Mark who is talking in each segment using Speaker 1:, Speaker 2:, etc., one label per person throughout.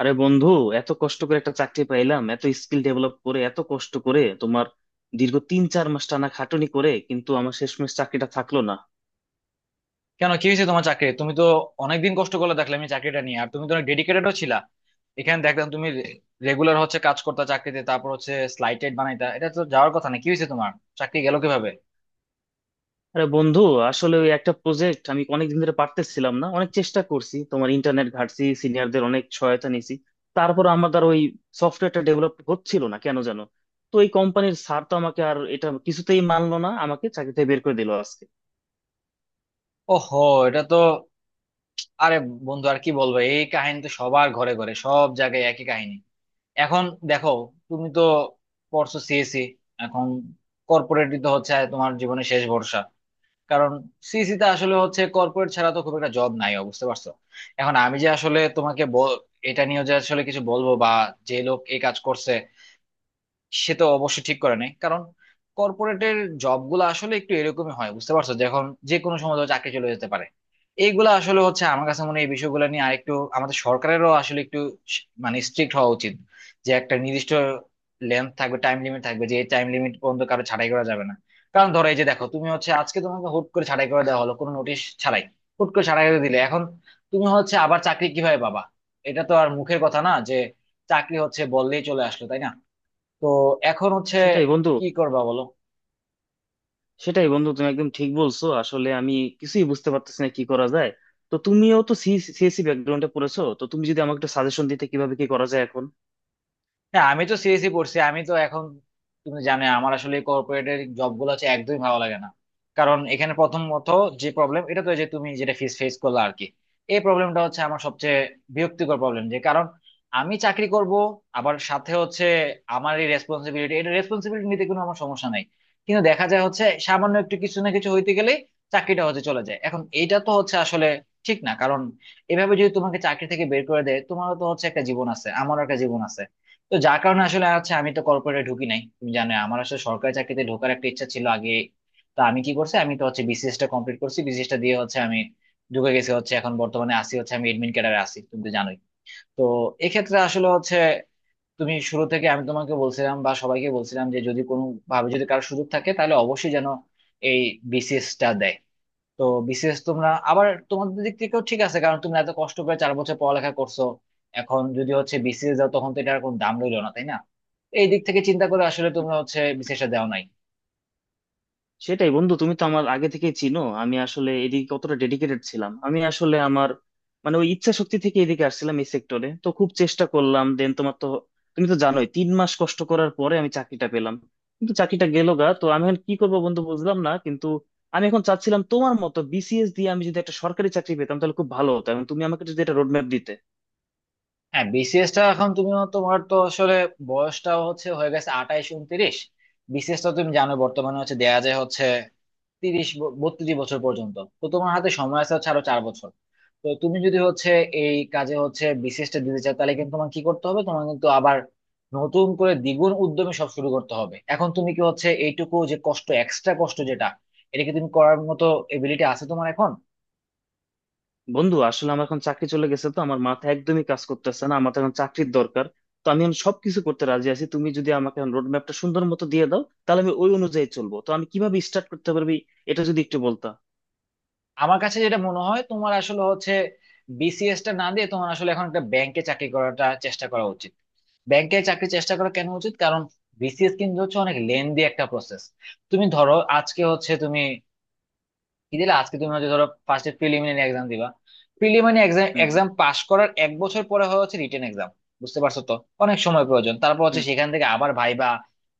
Speaker 1: আরে বন্ধু, এত কষ্ট করে একটা চাকরি পাইলাম, এত স্কিল ডেভেলপ করে এত কষ্ট করে তোমার দীর্ঘ 3 4 মাস টানা খাটুনি করে, কিন্তু আমার শেষমেশ চাকরিটা থাকলো না।
Speaker 2: কেন কি হয়েছে তোমার চাকরি? তুমি তো অনেকদিন কষ্ট করে দেখলে আমি চাকরিটা নিয়ে, আর তুমি তো অনেক ডেডিকেটেডও ছিলা। এখানে দেখলাম তুমি রেগুলার হচ্ছে কাজ করতে চাকরিতে, তারপর হচ্ছে স্লাইটেড বানাইতা, এটা তো যাওয়ার কথা না। কি হয়েছে তোমার? চাকরি গেল কিভাবে?
Speaker 1: আরে বন্ধু, আসলে ওই একটা প্রজেক্ট আমি অনেকদিন ধরে পারতেছিলাম না, অনেক চেষ্টা করছি, তোমার ইন্টারনেট ঘাটছি, সিনিয়রদের অনেক সহায়তা নিয়েছি, তারপর আমার দ্বারা ওই সফটওয়্যারটা ডেভেলপ হচ্ছিল না কেন জানো? তো এই কোম্পানির স্যার তো আমাকে আর এটা কিছুতেই মানলো না, আমাকে চাকরিতে বের করে দিল আজকে।
Speaker 2: ওহো, এটা তো, আরে বন্ধু আর কি বলবো, এই কাহিনী তো সবার ঘরে ঘরে, সব জায়গায় একই কাহিনী। এখন দেখো, তুমি তো পড়ছো সিএসি, এখন কর্পোরেটই তো হচ্ছে তোমার জীবনে শেষ ভরসা। কারণ সিইসি তে আসলে হচ্ছে কর্পোরেট ছাড়া তো খুব একটা জব নাই, ও, বুঝতে পারছো? এখন আমি যে আসলে এটা নিয়ে যে আসলে কিছু বলবো বা, যে লোক এই কাজ করছে সে তো অবশ্য ঠিক করে নাই। কারণ কর্পোরেটের জব গুলো আসলে একটু এরকমই হয়, বুঝতে পারছো, যে এখন যে কোনো সময় ধরো চাকরি চলে যেতে পারে। এইগুলা আসলে হচ্ছে, আমার কাছে মনে হয় এই বিষয়গুলো নিয়ে আরেকটু আমাদের সরকারেরও আসলে একটু মানে স্ট্রিক্ট হওয়া উচিত। যে একটা নির্দিষ্ট লেন্থ থাকবে, টাইম লিমিট থাকবে, যে এই টাইম লিমিট পর্যন্ত কারো ছাঁটাই করা যাবে না। কারণ ধরো এই যে দেখো, তুমি হচ্ছে আজকে তোমাকে হুট করে ছাঁটাই করে দেওয়া হলো কোনো নোটিশ ছাড়াই, হুট করে ছাঁটাই করে দিলে এখন তুমি হচ্ছে আবার চাকরি কিভাবে পাবা? এটা তো আর মুখের কথা না যে চাকরি হচ্ছে বললেই চলে আসলো, তাই না? তো এখন হচ্ছে
Speaker 1: সেটাই বন্ধু
Speaker 2: কি করবা বলো।
Speaker 1: সেটাই বন্ধু, তুমি একদম ঠিক বলছো। আসলে আমি কিছুই বুঝতে পারতেছি না কি করা যায়। তো তুমিও তো সিএসসি ব্যাকগ্রাউন্ডে পড়েছো, তো তুমি যদি আমাকে একটু সাজেশন দিতে কিভাবে কি করা যায় এখন।
Speaker 2: হ্যাঁ আমি তো সিএসই পড়ছি, আমি তো এখন, তুমি জানো আমার আসলে কর্পোরেটের জব গুলো হচ্ছে একদমই ভালো লাগে না। কারণ এখানে প্রথমত যে প্রবলেম, এটা তো এই যে তুমি যেটা ফেস ফেস করলে আর কি, এই প্রবলেমটা হচ্ছে আমার সবচেয়ে বিরক্তিকর প্রবলেম। যে কারণ আমি চাকরি করব, আবার সাথে হচ্ছে আমার এই রেসপন্সিবিলিটি, এটা রেসপন্সিবিলিটি নিতে কোনো আমার সমস্যা নাই, কিন্তু দেখা যায় হচ্ছে সামান্য একটু কিছু না কিছু হইতে গেলে চাকরিটা হচ্ছে চলে যায়। এখন এইটা তো হচ্ছে আসলে ঠিক না। কারণ এভাবে যদি তোমাকে চাকরি থেকে বের করে দেয়, তোমারও তো হচ্ছে একটা জীবন আছে, আমারও একটা জীবন আছে। তো যার কারণে আসলে আছে, আমি তো কর্পোরেটে ঢুকি নাই, তুমি জানো আমার আসলে সরকারি চাকরিতে ঢোকার একটা ইচ্ছা ছিল আগে। তো আমি কি করছি, আমি তো হচ্ছে বিসিএস টা কমপ্লিট করছি, বিসিএস টা দিয়ে হচ্ছে আমি ঢুকে গেছি হচ্ছে এখন বর্তমানে, আসি হচ্ছে আমি এডমিন ক্যাডারে আসি, তুমি তো জানোই। তো এক্ষেত্রে আসলে হচ্ছে, তুমি শুরু থেকে আমি তোমাকে বলছিলাম বা সবাইকে বলছিলাম যে যদি কোনো ভাবে যদি কারো সুযোগ থাকে তাহলে অবশ্যই যেন এই বিসিএস টা দেয়। তো বিসিএস তোমরা আবার তোমাদের দিক থেকেও ঠিক আছে, কারণ তোমরা এত কষ্ট করে 4 বছর পড়ালেখা করছো, এখন যদি হচ্ছে বিসিএস দাও তখন তো এটার কোনো দাম রইলো না, তাই না? এই দিক থেকে চিন্তা করে আসলে তোমরা হচ্ছে বিসিএস টা দেও নাই।
Speaker 1: সেটাই বন্ধু, তুমি তো আমার আগে থেকেই চিনো আমি আসলে এদিকে কতটা ডেডিকেটেড ছিলাম। আমি আসলে আমার মানে ওই ইচ্ছা শক্তি থেকে এদিকে আসছিলাম এই সেক্টরে, তো খুব চেষ্টা করলাম দেন তোমার তো, তুমি তো জানোই 3 মাস কষ্ট করার পরে আমি চাকরিটা পেলাম, কিন্তু চাকরিটা গেল গা। তো আমি এখন কি করবো বন্ধু বুঝলাম না, কিন্তু আমি এখন চাচ্ছিলাম তোমার মতো বিসিএস দিয়ে আমি যদি একটা সরকারি চাকরি পেতাম তাহলে খুব ভালো হতো, এবং তুমি আমাকে যদি একটা রোডম্যাপ দিতে।
Speaker 2: হ্যাঁ বিসিএস টা এখন তুমি, তোমার তো আসলে বয়সটা হচ্ছে হয়ে গেছে 28, 29। বিসিএস টা তুমি জানো বর্তমানে হচ্ছে দেয়া যায় হচ্ছে 30 32 বছর পর্যন্ত। তো তোমার হাতে সময় আছে হচ্ছে আরো 4 বছর। তো তুমি যদি হচ্ছে এই কাজে হচ্ছে বিসিএসটা দিতে চাও, তাহলে কিন্তু তোমার কি করতে হবে, তোমার কিন্তু আবার নতুন করে দ্বিগুণ উদ্যমে সব শুরু করতে হবে। এখন তুমি কি হচ্ছে এইটুকু যে কষ্ট, এক্সট্রা কষ্ট যেটা, এটা কি তুমি করার মতো এবিলিটি আছে তোমার এখন?
Speaker 1: বন্ধু, আসলে আমার এখন চাকরি চলে গেছে, তো আমার মাথা একদমই কাজ করতেছে না, আমার তো এখন চাকরির দরকার। তো আমি এখন সবকিছু করতে রাজি আছি, তুমি যদি আমাকে এখন রোড ম্যাপটা সুন্দর মতো দিয়ে দাও তাহলে আমি ওই অনুযায়ী চলবো, তো আমি কিভাবে স্টার্ট করতে পারবি এটা যদি একটু বলতা।
Speaker 2: আমার কাছে যেটা মনে হয়, তোমার আসলে হচ্ছে বিসিএস টা না দিয়ে তোমার আসলে এখন একটা ব্যাংকে চাকরি করাটা চেষ্টা করা উচিত। ব্যাংকে চাকরি চেষ্টা করা কেন উচিত, কারণ বিসিএস কিন্তু হচ্ছে অনেক লেন্দি একটা প্রসেস। তুমি ধরো আজকে হচ্ছে তুমি কি দিলে, আজকে তুমি হচ্ছে ধরো ফার্স্টে প্রিলিমিনারি এক্সাম দিবা, প্রিলিমিনারি এক্সাম
Speaker 1: হুম।
Speaker 2: এক্সাম পাশ করার 1 বছর পরে হয় হচ্ছে রিটেন এক্সাম। বুঝতে পারছো তো, অনেক সময় প্রয়োজন, তারপর হচ্ছে
Speaker 1: হুম।
Speaker 2: সেখান থেকে আবার ভাইবা।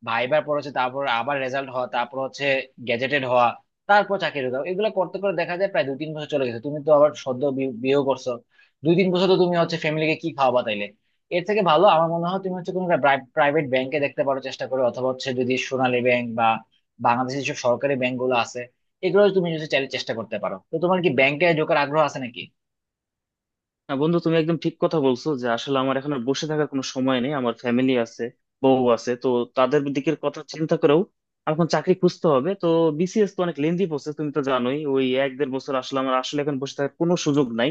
Speaker 2: ভাইবার পর হচ্ছে তারপর আবার রেজাল্ট হওয়া, তারপর হচ্ছে গেজেটেড হওয়া, তারপর চাকরি ঢোকা, এগুলো করতে করে দেখা যায় প্রায় 2-3 বছর চলে গেছে। তুমি তো আবার সদ্য বিয়েও করছো, 2-3 বছর তো তুমি হচ্ছে ফ্যামিলিকে কি খাওয়াবা তাইলে? এর থেকে ভালো আমার মনে হয় তুমি হচ্ছে কোনো প্রাইভেট ব্যাংকে দেখতে পারো, চেষ্টা করো। অথবা হচ্ছে যদি সোনালী ব্যাংক বা বাংলাদেশের যেসব সরকারি ব্যাংক গুলো আছে, এগুলো তুমি যদি চাইলে চেষ্টা করতে পারো। তো তোমার কি ব্যাংকে ঢোকার আগ্রহ আছে নাকি?
Speaker 1: না বন্ধু, তুমি একদম ঠিক কথা বলছো যে আসলে আমার এখন আর বসে থাকার কোনো সময় নেই, আমার ফ্যামিলি আছে, বউ আছে, তো তাদের দিকের কথা চিন্তা করেও আমার এখন চাকরি খুঁজতে হবে। তো বিসিএস তো অনেক লেন্দি প্রসেস, তুমি তো জানোই ওই এক দেড় বছর, আসলে আমার আসলে এখন বসে থাকার কোনো সুযোগ নাই।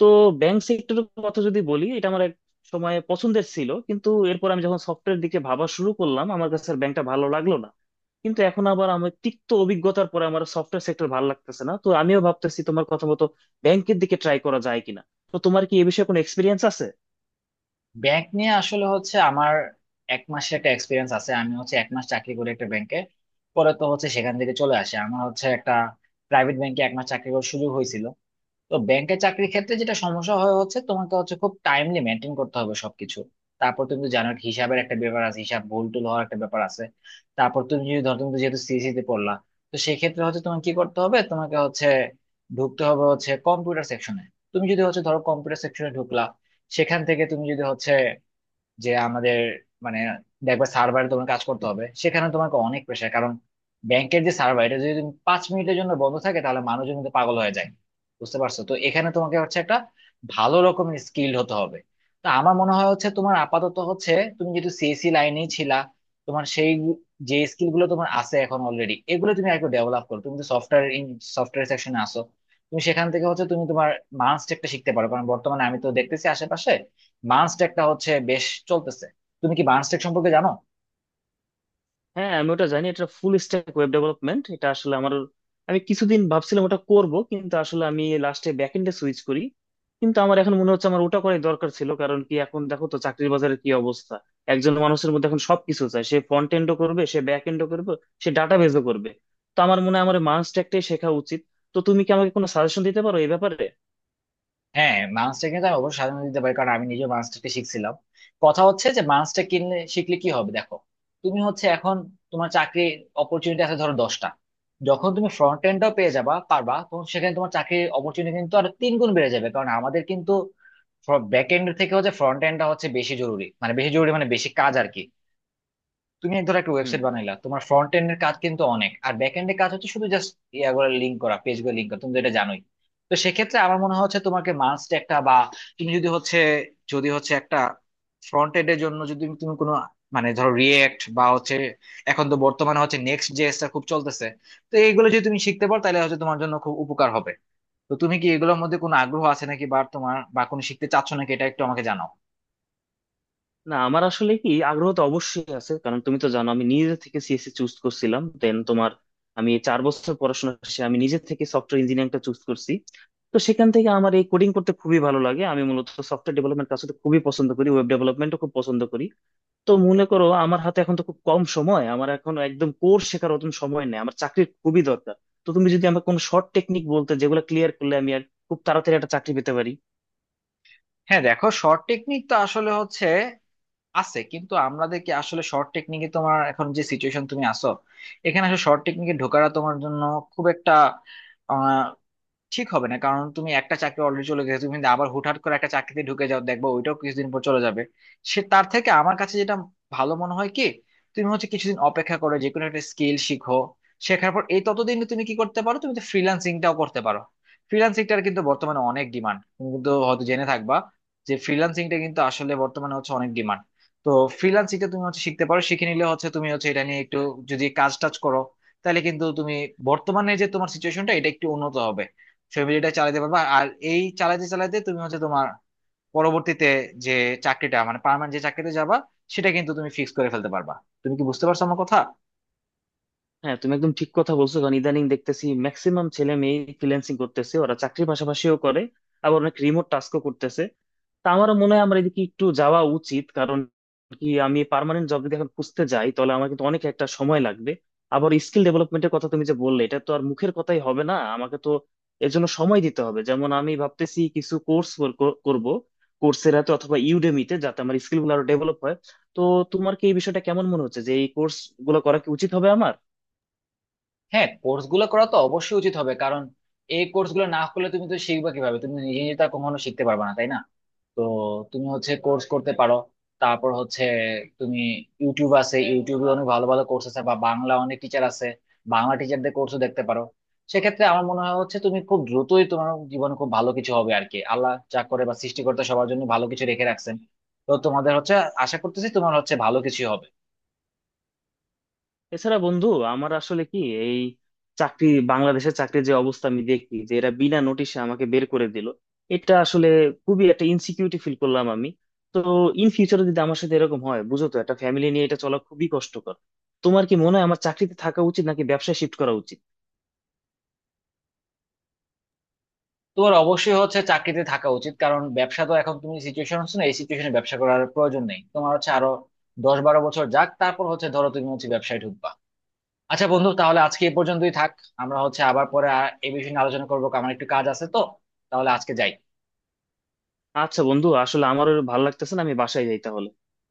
Speaker 1: তো ব্যাংক সেক্টরের কথা যদি বলি, এটা আমার এক সময় পছন্দের ছিল, কিন্তু এরপর আমি যখন সফটওয়্যার দিকে ভাবা শুরু করলাম আমার কাছে আর ব্যাংকটা ভালো লাগলো না। কিন্তু এখন আবার আমার তিক্ত অভিজ্ঞতার পরে আমার সফটওয়্যার সেক্টর ভালো লাগতেছে না, তো আমিও ভাবতেছি তোমার কথা মতো ব্যাংকের দিকে ট্রাই করা যায় কিনা। তো তোমার কি এ বিষয়ে কোনো এক্সপিরিয়েন্স আছে?
Speaker 2: ব্যাংক নিয়ে আসলে হচ্ছে আমার 1 মাসের একটা এক্সপিরিয়েন্স আছে, আমি হচ্ছে 1 মাস চাকরি করি একটা ব্যাংকে, পরে তো হচ্ছে সেখান থেকে চলে আসে। আমার হচ্ছে একটা প্রাইভেট ব্যাংকে 1 মাস চাকরি করার সুযোগ হয়েছিল। তো ব্যাংকের চাকরির ক্ষেত্রে যেটা সমস্যা হয় হচ্ছে, তোমাকে হচ্ছে খুব টাইমলি মেনটেন করতে হবে সবকিছু। তারপর তুমি তো জানো, হিসাবের একটা ব্যাপার আছে, হিসাব ভুল টুল হওয়ার একটা ব্যাপার আছে। তারপর তুমি যদি ধর, তুমি তো যেহেতু সিএসসি তে পড়লা, তো সেক্ষেত্রে হচ্ছে তোমাকে কি করতে হবে, তোমাকে হচ্ছে ঢুকতে হবে হচ্ছে কম্পিউটার সেকশনে। তুমি যদি হচ্ছে ধরো কম্পিউটার সেকশনে ঢুকলা, সেখান থেকে তুমি যদি হচ্ছে যে আমাদের মানে, দেখবে সার্ভারে তোমার কাজ করতে হবে, সেখানে তোমাকে অনেক প্রেশার। কারণ ব্যাংকের যে সার্ভার, এটা যদি তুমি 5 মিনিটের জন্য বন্ধ থাকে, তাহলে মানুষজন কিন্তু পাগল হয়ে যায়। বুঝতে পারছো তো, এখানে তোমাকে হচ্ছে একটা ভালো রকমের স্কিল হতে হবে। তো আমার মনে হয় হচ্ছে তোমার আপাতত হচ্ছে, তুমি যেহেতু সিএসসি লাইনেই ছিলা, তোমার সেই যে স্কিল গুলো তোমার আছে এখন অলরেডি, এগুলো তুমি একটু ডেভেলপ করো। তুমি তো সফটওয়্যার সফটওয়্যার সেকশনে আসো, তুমি সেখান থেকে হচ্ছে তুমি তোমার মাস্ট একটা শিখতে পারো। কারণ বর্তমানে আমি তো দেখতেছি আশেপাশে বার্নসটেকটা হচ্ছে বেশ চলতেছে। তুমি কি বার্নসটেক সম্পর্কে জানো?
Speaker 1: হ্যাঁ, আমি ওটা জানি, এটা ফুল স্ট্যাক ওয়েব ডেভেলপমেন্ট। এটা আসলে আমার, আমি কিছুদিন ভাবছিলাম ওটা করব, কিন্তু আসলে আমি লাস্টে ব্যাকএন্ডে সুইচ করি। কিন্তু আমার এখন মনে হচ্ছে আমার ওটা করাই দরকার ছিল, কারণ কি এখন দেখো তো চাকরির বাজারের কি অবস্থা। একজন মানুষের মধ্যে এখন সবকিছু চায়, সে ফ্রন্ট এন্ডও করবে, সে ব্যাক এন্ডও করবে, সে ডাটাবেজও করবে। তো আমার মনে হয় আমার মাস্ট একটাই শেখা উচিত। তো তুমি কি আমাকে কোনো সাজেশন দিতে পারো এই ব্যাপারে?
Speaker 2: হ্যাঁ বার্নসটেক কিন্তু আমি অবশ্যই সাজেশন দিতে পারি, কারণ আমি নিজে বার্নসটেকটা শিখছিলাম। কথা হচ্ছে যে বার্নসটেক কিনলে শিখলে কি হবে দেখো, তুমি হচ্ছে এখন তোমার চাকরির অপরচুনিটি আছে ধরো 10টা, যখন তুমি ফ্রন্ট এন্ডটাও পেয়ে যাবা পারবা, তখন সেখানে তোমার চাকরির অপরচুনিটি কিন্তু আর 3 গুণ বেড়ে যাবে। কারণ আমাদের কিন্তু ব্যাক এন্ড থেকে হচ্ছে ফ্রন্ট এন্ডটা হচ্ছে বেশি জরুরি, মানে বেশি জরুরি মানে বেশি কাজ আর কি। তুমি ধরো একটা
Speaker 1: হুম।
Speaker 2: ওয়েবসাইট বানাইলা, তোমার ফ্রন্ট এন্ড এর কাজ কিন্তু অনেক, আর ব্যাক এন্ড এর কাজ হচ্ছে শুধু জাস্ট ইয়াগুলো লিঙ্ক করা, পেজ গুলো লিঙ্ক করা, তুমি তো এটা জানোই। তো সেক্ষেত্রে আমার মনে হয় হচ্ছে তোমাকে মাস্ট একটা, বা তুমি যদি হচ্ছে, একটা ফ্রন্ট এন্ড এর জন্য যদি তুমি কোনো, মানে ধরো রিয়েক্ট বা হচ্ছে এখন তো বর্তমানে হচ্ছে নেক্সট জেএসটা খুব চলতেছে, তো এইগুলো যদি তুমি শিখতে পারো তাহলে হচ্ছে তোমার জন্য খুব উপকার হবে। তো তুমি কি এগুলোর মধ্যে কোনো আগ্রহ আছে নাকি, বা তোমার বা কোনো শিখতে চাচ্ছ নাকি, এটা একটু আমাকে জানাও।
Speaker 1: না আমার আসলে কি, আগ্রহ তো অবশ্যই আছে, কারণ তুমি তো জানো আমি নিজে থেকে সিএসসি চুজ করছিলাম দেন তোমার, আমি 4 বছর পড়াশোনা শেষে আমি নিজে থেকে সফটওয়্যার ইঞ্জিনিয়ারিংটা চুজ করছি। তো সেখান থেকে আমার এই কোডিং করতে খুবই ভালো লাগে, আমি মূলত সফটওয়্যার ডেভেলপমেন্ট কাজ করতে খুবই পছন্দ করি, ওয়েব ডেভেলপমেন্টও খুব পছন্দ করি। তো মনে করো আমার হাতে এখন তো খুব কম সময়, আমার এখন একদম কোর শেখার অত সময় নেই, আমার চাকরির খুবই দরকার। তো তুমি যদি আমাকে কোনো শর্ট টেকনিক বলতে যেগুলো ক্লিয়ার করলে আমি আর খুব তাড়াতাড়ি একটা চাকরি পেতে পারি।
Speaker 2: হ্যাঁ দেখো, শর্ট টেকনিক তো আসলে হচ্ছে আছে, কিন্তু আমাদেরকে আসলে শর্ট টেকনিকে, তোমার এখন যে সিচুয়েশন তুমি আসো, এখানে আসলে শর্ট টেকনিকে ঢোকাটা তোমার জন্য খুব একটা ঠিক হবে না। কারণ তুমি একটা চাকরি অলরেডি চলে গেছে, তুমি যদি আবার হুটহাট করে একটা চাকরিতে ঢুকে যাও, দেখবো ওইটাও কিছুদিন পর চলে যাবে। সে তার থেকে আমার কাছে যেটা ভালো মনে হয় কি, তুমি হচ্ছে কিছুদিন অপেক্ষা করো, যে কোনো একটা স্কিল শিখো। শেখার পর, এই ততদিন তুমি কি করতে পারো, তুমি তো ফ্রিল্যান্সিংটাও করতে পারো। ফ্রিল্যান্সিংটার কিন্তু বর্তমানে অনেক ডিমান্ড, তুমি কিন্তু হয়তো জেনে থাকবা যে ফ্রিল্যান্সিংটা কিন্তু আসলে বর্তমানে হচ্ছে অনেক ডিমান্ড। তো ফ্রিল্যান্সিংটা তুমি হচ্ছে শিখতে পারো, শিখে নিলে হচ্ছে তুমি হচ্ছে এটা নিয়ে একটু যদি কাজ টাজ করো, তাহলে কিন্তু তুমি বর্তমানে যে তোমার সিচুয়েশনটা, এটা একটু উন্নত হবে, ফ্যামিলিটা চালাতে পারবা। আর এই চালাতে চালাতে তুমি হচ্ছে তোমার পরবর্তীতে যে চাকরিটা মানে পার্মানেন্ট যে চাকরিতে যাবা, সেটা কিন্তু তুমি ফিক্স করে ফেলতে পারবা। তুমি কি বুঝতে পারছো আমার কথা?
Speaker 1: হ্যাঁ তুমি একদম ঠিক কথা বলছো, কারণ ইদানিং দেখতেছি ম্যাক্সিমাম ছেলে মেয়ে ফ্রিল্যান্সিং করতেছে, ওরা চাকরির পাশাপাশিও করে, আবার অনেক রিমোট টাস্কও করতেছে। তা আমারও মনে হয় আমার এদিকে একটু যাওয়া উচিত, কারণ কি আমি পার্মানেন্ট জব যদি এখন খুঁজতে যাই তাহলে আমার কিন্তু অনেক একটা সময় লাগবে। আবার স্কিল ডেভেলপমেন্টের কথা তুমি যে বললে এটা তো আর মুখের কথাই হবে না, আমাকে তো এর জন্য সময় দিতে হবে। যেমন আমি ভাবতেছি কিছু কোর্স করব কোর্সেরাতে অথবা ইউডেমিতে, যাতে আমার স্কিল গুলো আরো ডেভেলপ হয়। তো তোমার কি এই বিষয়টা কেমন মনে হচ্ছে, যে এই কোর্স গুলো করা কি উচিত হবে আমার?
Speaker 2: হ্যাঁ কোর্স গুলো করা তো অবশ্যই উচিত হবে, কারণ এই কোর্স গুলো না করলে তুমি তো শিখবা কিভাবে, তুমি তো নিজে নিজে তো আর কখনো শিখতে পারবে না, তাই না? তো তুমি হচ্ছে কোর্স করতে পারো, তারপর হচ্ছে তুমি ইউটিউব আছে, ইউটিউবে অনেক ভালো ভালো কোর্স আছে, বা বাংলা অনেক টিচার আছে, বাংলা টিচারদের কোর্সও দেখতে পারো। সেক্ষেত্রে আমার মনে হয় হচ্ছে তুমি খুব দ্রুতই তোমার জীবনে খুব ভালো কিছু হবে আর কি। আল্লাহ যা করে, বা সৃষ্টিকর্তা সবার জন্য ভালো কিছু রেখে রাখছেন। তো তোমাদের হচ্ছে, আশা করতেছি তোমার হচ্ছে ভালো কিছু হবে।
Speaker 1: এছাড়া বন্ধু, আমার আসলে কি, এই চাকরি, বাংলাদেশের চাকরির যে অবস্থা আমি দেখি যে এরা বিনা নোটিশে আমাকে বের করে দিল, এটা আসলে খুবই একটা ইনসিকিউরিটি ফিল করলাম আমি। তো ইন ফিউচারে যদি আমার সাথে এরকম হয়, বুঝো তো একটা ফ্যামিলি নিয়ে এটা চলা খুবই কষ্টকর। তোমার কি মনে হয় আমার চাকরিতে থাকা উচিত নাকি ব্যবসায় শিফট করা উচিত?
Speaker 2: তোর অবশ্যই হচ্ছে চাকরিতে থাকা উচিত, কারণ ব্যবসা তো এখন তুমি সিচুয়েশন হচ্ছে না, এই সিচুয়েশনে ব্যবসা করার প্রয়োজন নেই। তোমার হচ্ছে আরো 10-12 বছর যাক, তারপর হচ্ছে ধরো তুমি হচ্ছে ব্যবসায় ঢুকবা। আচ্ছা বন্ধু, তাহলে আজকে এই পর্যন্তই থাক, আমরা হচ্ছে আবার পরে আর এই বিষয়ে নিয়ে আলোচনা করবো, কারণ আমার একটু কাজ আছে। তো তাহলে আজকে যাই।
Speaker 1: আচ্ছা বন্ধু, আসলে আমারও ভালো লাগতেছে না, আমি বাসায় যাই তাহলে।